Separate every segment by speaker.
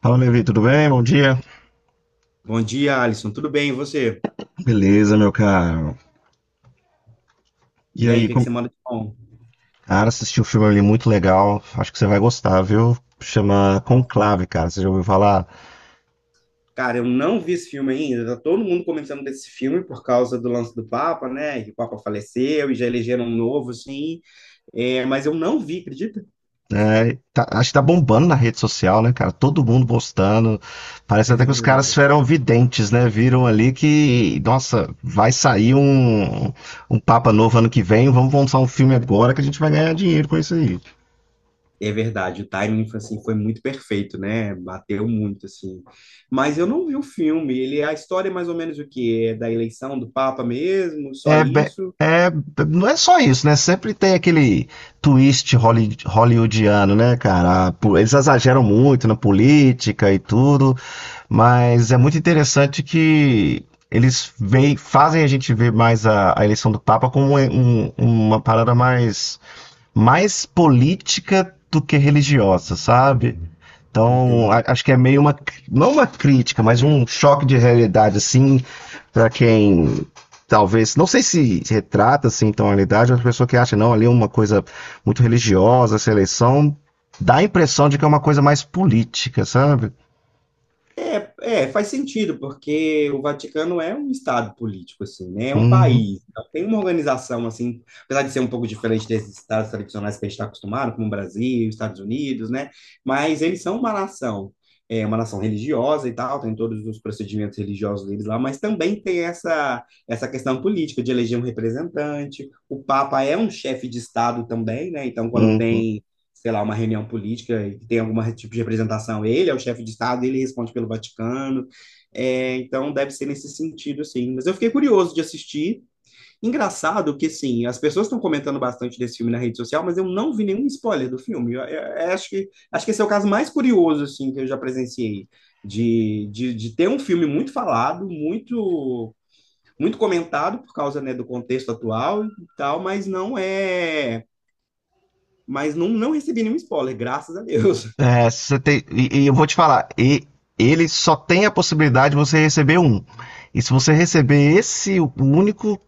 Speaker 1: Fala, Levi, tudo bem? Bom dia.
Speaker 2: Bom dia, Alisson. Tudo bem, e você?
Speaker 1: Beleza, meu caro. E
Speaker 2: E aí, o
Speaker 1: aí,
Speaker 2: que que
Speaker 1: com...
Speaker 2: você manda de bom?
Speaker 1: Cara, assisti um filme ali muito legal. Acho que você vai gostar, viu? Chama
Speaker 2: Qual filme?
Speaker 1: Conclave, cara. Você já ouviu falar?
Speaker 2: Cara, eu não vi esse filme ainda. Tá todo mundo comentando desse filme por causa do lance do Papa, né? Que o Papa faleceu e já elegeram um novo, assim. É, mas eu não vi, acredita?
Speaker 1: Acho que tá bombando na rede social, né, cara? Todo mundo postando. Parece até que os
Speaker 2: É
Speaker 1: caras
Speaker 2: verdade.
Speaker 1: eram videntes, né? Viram ali que, nossa, um Papa novo ano que vem. Vamos lançar um filme agora que a gente vai ganhar dinheiro com isso aí.
Speaker 2: É verdade, o timing foi, assim, foi muito perfeito, né? Bateu muito, assim. Mas eu não vi o filme. Ele, a história é mais ou menos o quê? É da eleição do Papa mesmo? Só
Speaker 1: É, be-
Speaker 2: isso?
Speaker 1: é, não é só isso, né? Sempre tem aquele hollywoodiano, né, cara? Eles exageram muito na política e tudo, mas é muito interessante que eles veem, fazem a gente ver mais a eleição do Papa como uma parada mais política do que religiosa, sabe? Então, acho
Speaker 2: Entendi.
Speaker 1: que é meio uma, não uma crítica, mas um choque de realidade, assim, para quem talvez, não sei se retrata assim tão a realidade, mas a pessoa que acha, não, ali é uma coisa muito religiosa, essa eleição, dá a impressão de que é uma coisa mais política, sabe?
Speaker 2: É, é, faz sentido, porque o Vaticano é um estado político, assim, né? É um
Speaker 1: Uhum,
Speaker 2: país. Então, tem uma organização, assim, apesar de ser um pouco diferente desses estados tradicionais que a gente está acostumado, como o Brasil, Estados Unidos, né? Mas eles são uma nação, é uma nação religiosa e tal, tem todos os procedimentos religiosos deles lá, mas também tem essa, essa questão política de eleger um representante. O Papa é um chefe de estado também, né? Então, quando
Speaker 1: uhum.
Speaker 2: tem sei lá, uma reunião política e que tem algum tipo de representação. Ele é o chefe de Estado, ele responde pelo Vaticano. É, então deve ser nesse sentido, assim. Mas eu fiquei curioso de assistir. Engraçado que, assim, as pessoas estão comentando bastante desse filme na rede social, mas eu não vi nenhum spoiler do filme. Eu, eu acho que esse é o caso mais curioso, assim, que eu já presenciei. De ter um filme muito falado, muito muito comentado por causa, né, do contexto atual e tal, mas não é, mas não, não recebi nenhum spoiler, graças a Deus.
Speaker 1: É, você tem, e eu vou te falar, e ele só tem a possibilidade de você receber um. E se você receber esse único,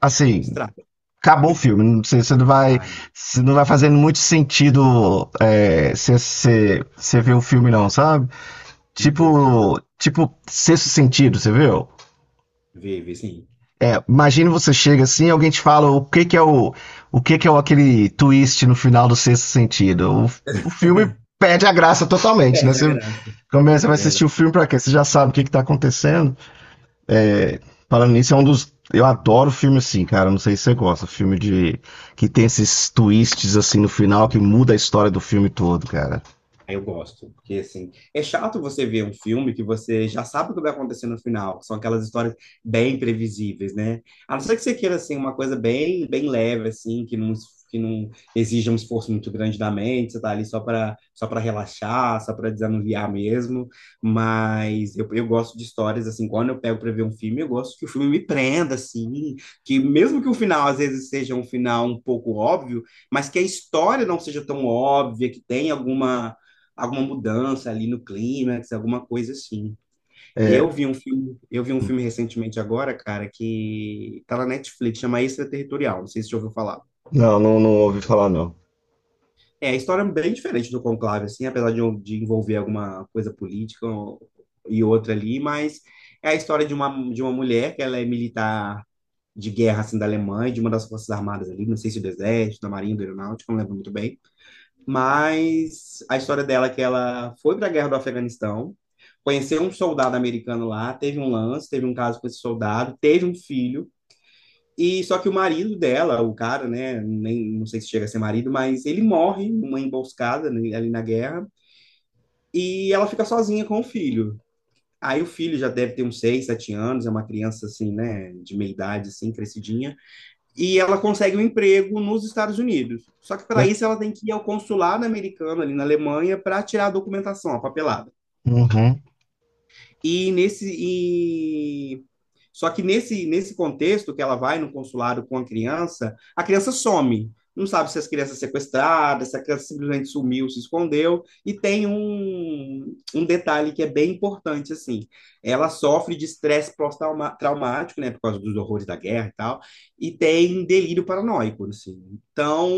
Speaker 1: assim,
Speaker 2: Estraga.
Speaker 1: acabou o filme. Não sei,
Speaker 2: Ai, não.
Speaker 1: você não vai fazendo muito sentido é, você ver o filme, não, sabe?
Speaker 2: Entendi.
Speaker 1: Tipo, sexto sentido, você viu?
Speaker 2: Vive, sim.
Speaker 1: É, imagina você chega assim, e alguém te fala o que que é o, aquele twist no final do sexto sentido. O filme perde a graça totalmente, né?
Speaker 2: Perde a
Speaker 1: Você
Speaker 2: graça.
Speaker 1: começa,
Speaker 2: É
Speaker 1: vai assistir o
Speaker 2: verdade.
Speaker 1: filme pra quê? Você já sabe o que que tá acontecendo. É, Falando nisso, é um dos. Eu adoro filme assim, cara. Não sei se você gosta. Filme de. Que tem esses twists assim no final que muda a história do filme todo, cara.
Speaker 2: Aí eu gosto, porque assim, é chato você ver um filme que você já sabe o que vai acontecer no final, que são aquelas histórias bem previsíveis, né? A não ser que você queira assim uma coisa bem, bem leve assim, que não exija um esforço muito grande da mente, você tá ali só para relaxar, só para desanuviar mesmo, mas eu gosto de histórias assim, quando eu pego para ver um filme, eu gosto que o filme me prenda assim, que mesmo que o final às vezes seja um final um pouco óbvio, mas que a história não seja tão óbvia, que tenha alguma alguma mudança ali no clímax, alguma coisa assim.
Speaker 1: É,
Speaker 2: Eu vi um filme recentemente agora, cara, que tá na Netflix, chama Extraterritorial, não sei se você já ouviu falar.
Speaker 1: não ouvi falar, não.
Speaker 2: É, a história é bem diferente do Conclave, assim, apesar de envolver alguma coisa política e outra ali, mas é a história de uma mulher que ela é militar de guerra, assim, da Alemanha, de uma das forças armadas ali, não sei se do exército, da marinha, da aeronáutica, não lembro muito bem. Mas a história dela é que ela foi para a guerra do Afeganistão, conheceu um soldado americano lá, teve um lance, teve um caso com esse soldado, teve um filho. E só que o marido dela, o cara, né, nem não sei se chega a ser marido, mas ele morre numa emboscada né, ali na guerra e ela fica sozinha com o filho. Aí o filho já deve ter uns 6 7 anos, é uma criança assim, né, de meia idade assim, crescidinha e ela consegue um emprego nos Estados Unidos. Só que para
Speaker 1: Mas.
Speaker 2: isso ela tem que ir ao consulado americano ali na Alemanha para tirar a documentação, a papelada.
Speaker 1: Uhum.
Speaker 2: E nesse e só que nesse, nesse contexto que ela vai no consulado com a criança some. Não sabe se as crianças sequestradas, se a criança simplesmente sumiu, se escondeu. E tem um, um detalhe que é bem importante, assim. Ela sofre de estresse pós-traumático, né? Por causa dos horrores da guerra e tal. E tem delírio paranoico, assim. Então,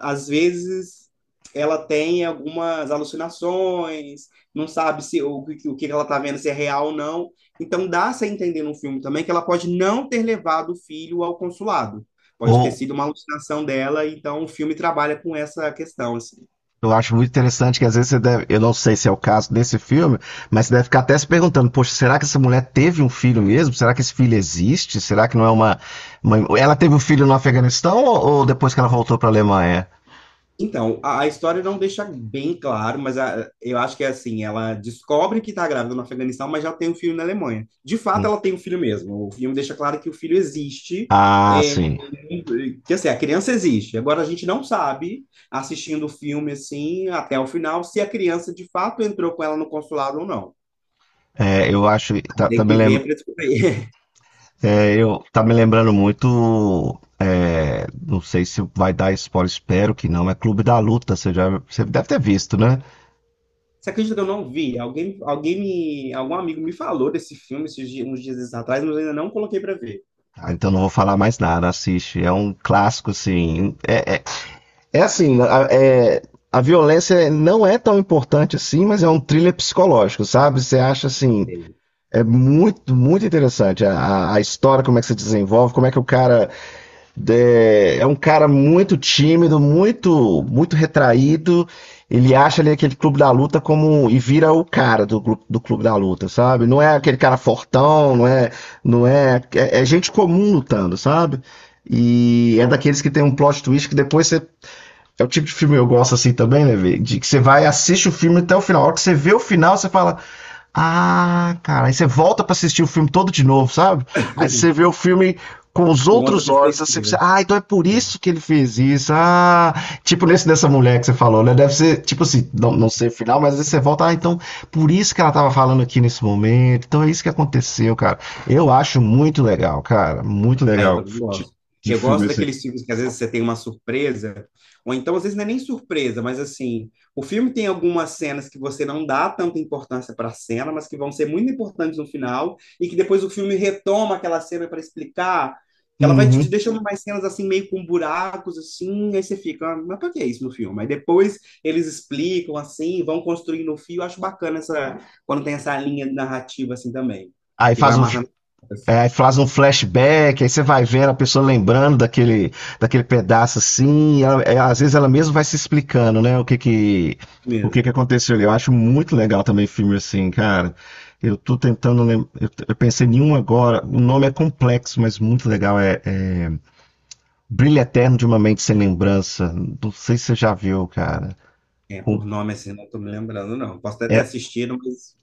Speaker 2: às vezes, ela tem algumas alucinações, não sabe se o, o que ela está vendo se é real ou não, então dá-se a entender no filme também que ela pode não ter levado o filho ao consulado. Pode
Speaker 1: Ou
Speaker 2: ter sido uma alucinação dela, então o filme trabalha com essa questão, assim.
Speaker 1: eu acho muito interessante que às vezes você deve. Eu não sei se é o caso desse filme, mas você deve ficar até se perguntando, poxa, será que essa mulher teve um filho mesmo? Será que esse filho existe? Será que não é uma. Ela teve um filho no Afeganistão ou depois que ela voltou para a Alemanha?
Speaker 2: Então, a história não deixa bem claro, mas a- eu acho que é assim, ela descobre que está grávida no Afeganistão, mas já tem um filho na Alemanha. De fato,
Speaker 1: Hum.
Speaker 2: ela tem um filho mesmo. O filme deixa claro que o filho existe,
Speaker 1: Ah,
Speaker 2: é,
Speaker 1: sim.
Speaker 2: que assim, a criança existe. Agora a gente não sabe, assistindo o filme assim, até o final, se a criança de fato entrou com ela no consulado ou não.
Speaker 1: É, eu acho.
Speaker 2: Tem que ver pra descobrir.
Speaker 1: Eu tá me lembrando muito, não sei se vai dar spoiler, espero que não, é Clube da Luta, você já, você deve ter visto, né?
Speaker 2: Você acredita que eu não vi? Alguém, alguém me, algum amigo me falou desse filme uns dias atrás, mas eu ainda não coloquei pra ver.
Speaker 1: Ah, então não vou falar mais nada, assiste, é um clássico assim, é assim, a- é, a violência não é tão importante assim, mas é um thriller psicológico, sabe? Você acha assim,
Speaker 2: Sei.
Speaker 1: é muito, muito interessante a história, como é que se desenvolve, como é que o cara é um cara muito tímido, muito, muito retraído. Ele acha ali aquele clube da luta como e vira o cara do, do clube da luta, sabe? Não é aquele cara fortão, não é, não é, é, é gente comum lutando, sabe? E é daqueles que tem um plot twist que depois você é o tipo de filme que eu gosto assim também, né, velho? De que você vai, assiste o filme até o final. A hora que você vê o final, você fala. Ah, cara, aí você volta pra assistir o filme todo de novo, sabe? Aí você vê o filme com os
Speaker 2: Com outra
Speaker 1: outros olhos, assim, você,
Speaker 2: perspectiva.
Speaker 1: ah, então é por
Speaker 2: Sei.
Speaker 1: isso que ele fez isso. Ah, tipo nesse dessa mulher que você falou, né? Deve ser, tipo assim, não, não sei o final, mas às vezes você volta, ah, então por isso que ela tava falando aqui nesse momento. Então é isso que aconteceu, cara. Eu acho muito legal, cara, muito
Speaker 2: Ah, eu
Speaker 1: legal
Speaker 2: também
Speaker 1: de,
Speaker 2: gosto.
Speaker 1: de
Speaker 2: Eu
Speaker 1: filme
Speaker 2: gosto
Speaker 1: assim.
Speaker 2: daqueles filmes que às vezes você tem uma surpresa, ou então às vezes não é nem surpresa, mas assim, o filme tem algumas cenas que você não dá tanta importância para a cena, mas que vão ser muito importantes no final, e que depois o filme retoma aquela cena para explicar, que ela vai te
Speaker 1: Uhum.
Speaker 2: deixando mais cenas assim, meio com buracos, assim, aí você fica, "Ah, mas para que é isso no filme?" Aí depois eles explicam, assim, vão construindo o fio, eu acho bacana essa, quando tem essa linha narrativa assim também,
Speaker 1: Aí
Speaker 2: que vai
Speaker 1: faz o,
Speaker 2: amarrando as
Speaker 1: É,
Speaker 2: pontas
Speaker 1: aí faz um flashback, aí você vai vendo a pessoa lembrando daquele pedaço assim, às vezes ela mesma vai se explicando, né, o que que
Speaker 2: mesmo.
Speaker 1: aconteceu ali. Eu acho muito legal também filme assim, cara. Eu tô tentando lembrar, eu pensei em um agora, o nome é complexo, mas muito legal, Brilho Eterno de uma Mente Sem Lembrança. Não sei se você já viu, cara.
Speaker 2: É,
Speaker 1: Com-
Speaker 2: por nome assim, não tô me lembrando, não. Posso até ter
Speaker 1: é,
Speaker 2: assistido, mas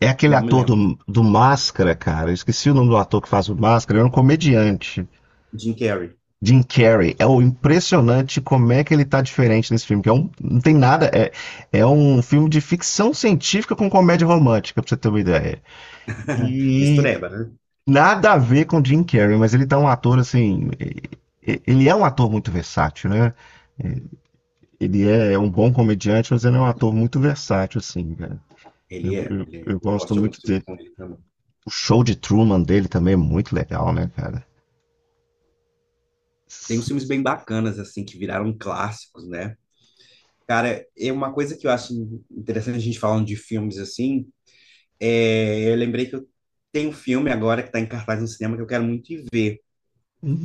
Speaker 1: é aquele
Speaker 2: não me
Speaker 1: ator
Speaker 2: lembro.
Speaker 1: do Máscara, cara, eu esqueci o nome do ator que faz o Máscara, ele é um comediante.
Speaker 2: Jim Carrey.
Speaker 1: Jim Carrey. É o impressionante como é que ele tá diferente nesse filme, que é um, não tem nada, é um filme de ficção científica com comédia romântica, pra você ter uma ideia. E
Speaker 2: Mistureba, né?
Speaker 1: nada a ver com Jim Carrey, mas ele tá um ator assim, ele é um ator muito versátil, né? Ele é é um bom comediante, mas ele é um ator muito versátil, assim, cara.
Speaker 2: Ele é, ele é.
Speaker 1: Eu
Speaker 2: Eu gosto
Speaker 1: gosto
Speaker 2: de alguns
Speaker 1: muito
Speaker 2: filmes
Speaker 1: dele.
Speaker 2: com ele também.
Speaker 1: O show de Truman dele também é muito legal, né, cara?
Speaker 2: Tem uns filmes bem bacanas, assim, que viraram clássicos, né? Cara, é uma coisa que eu acho interessante a gente falando de filmes assim, é, eu lembrei que eu tenho um filme agora que tá em cartaz no cinema que eu quero muito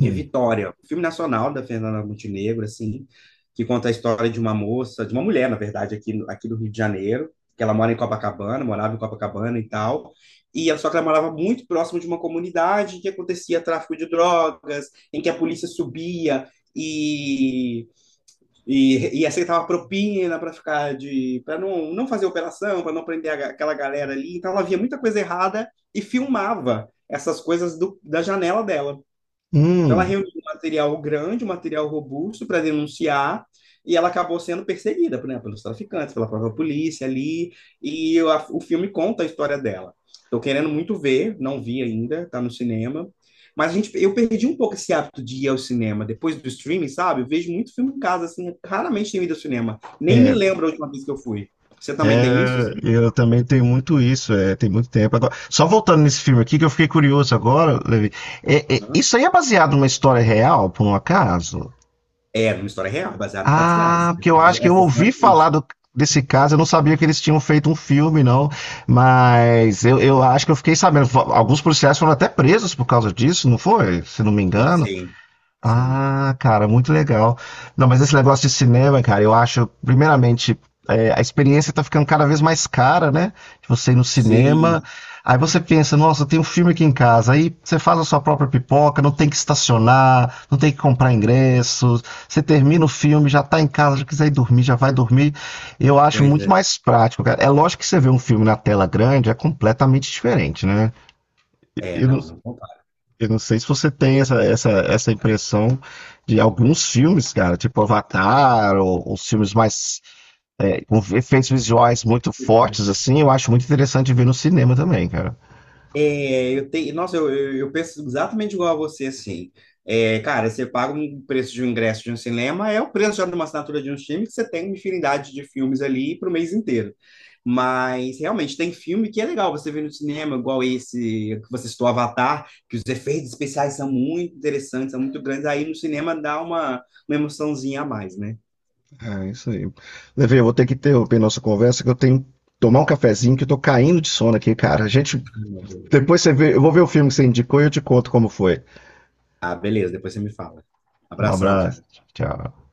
Speaker 2: que é Vitória, um filme nacional da Fernanda Montenegro, assim, que conta a história de uma moça, de uma mulher, na verdade, aqui, aqui do Rio de Janeiro, que ela mora em Copacabana, morava em Copacabana e tal, só que ela morava muito próximo de uma comunidade em que acontecia tráfico de drogas, em que a polícia subia e e aceitava propina para ficar de para não, não fazer operação, para não prender a aquela galera ali, então ela via muita coisa errada e filmava essas coisas do, da janela dela. Então, ela
Speaker 1: Hum.
Speaker 2: reuniu um material grande, um material robusto para denunciar, e ela acabou sendo perseguida, por exemplo, pelos traficantes, pela própria polícia ali, e o, o filme conta a história dela. Estou querendo muito ver, não vi ainda, está no cinema. Mas a gente, eu perdi um pouco esse hábito de ir ao cinema depois do streaming, sabe? Eu vejo muito filme em casa, assim, raramente tenho ido ao cinema. Nem me lembro a última vez que eu fui. Você também tem isso?
Speaker 1: É,
Speaker 2: Assim?
Speaker 1: eu também tenho muito isso, é, tem muito tempo. Agora, só voltando nesse filme aqui, que eu fiquei curioso agora, Levi.
Speaker 2: Aham.
Speaker 1: Isso aí é baseado numa história real, por um acaso?
Speaker 2: É, uma história real, baseada em fatos
Speaker 1: Ah,
Speaker 2: reais.
Speaker 1: porque eu acho que eu
Speaker 2: Essa senhora
Speaker 1: ouvi
Speaker 2: existe.
Speaker 1: falar do- desse caso, eu não sabia que eles tinham feito um filme, não. Mas eu acho que eu fiquei sabendo. Alguns policiais foram até presos por causa disso, não foi? Se não me
Speaker 2: Sim,
Speaker 1: engano.
Speaker 2: sim. Sim,
Speaker 1: Ah, cara, muito legal. Não, mas esse negócio de cinema, cara, eu acho, primeiramente, a experiência tá ficando cada vez mais cara, né? De você ir no cinema.
Speaker 2: sim.
Speaker 1: Aí você pensa, nossa, tem um filme aqui em casa. Aí você faz a sua própria pipoca, não tem que estacionar, não tem que comprar ingressos. Você termina o filme, já tá em casa, já quiser ir dormir, já vai dormir. Eu acho
Speaker 2: Pois
Speaker 1: muito
Speaker 2: é.
Speaker 1: mais prático, cara. É lógico que você vê um filme na tela grande, é completamente diferente, né?
Speaker 2: É, não, não compara.
Speaker 1: Eu não sei se você tem essa impressão de alguns filmes, cara, tipo Avatar, ou filmes mais com efeitos visuais muito fortes, assim, eu acho muito interessante ver no cinema também, cara.
Speaker 2: É, eu tenho, nossa, eu, eu penso exatamente igual a você, assim. É, cara, você paga um preço de um ingresso de um cinema, é o preço já de uma assinatura de um filme que você tem uma infinidade de filmes ali para o mês inteiro. Mas realmente tem filme que é legal você ver no cinema, igual esse que você citou, Avatar, que os efeitos especiais são muito interessantes, são muito grandes. Aí no cinema dá uma emoçãozinha a mais, né?
Speaker 1: É, isso aí. Levei, eu vou ter que interromper nossa conversa, que eu tenho que tomar um cafezinho, que eu tô caindo de sono aqui, cara. A gente, depois você vê, eu vou ver o filme que você indicou e eu te conto como foi.
Speaker 2: Ah, beleza, depois você me fala.
Speaker 1: Um
Speaker 2: Abração,
Speaker 1: abraço,
Speaker 2: cara.
Speaker 1: tchau.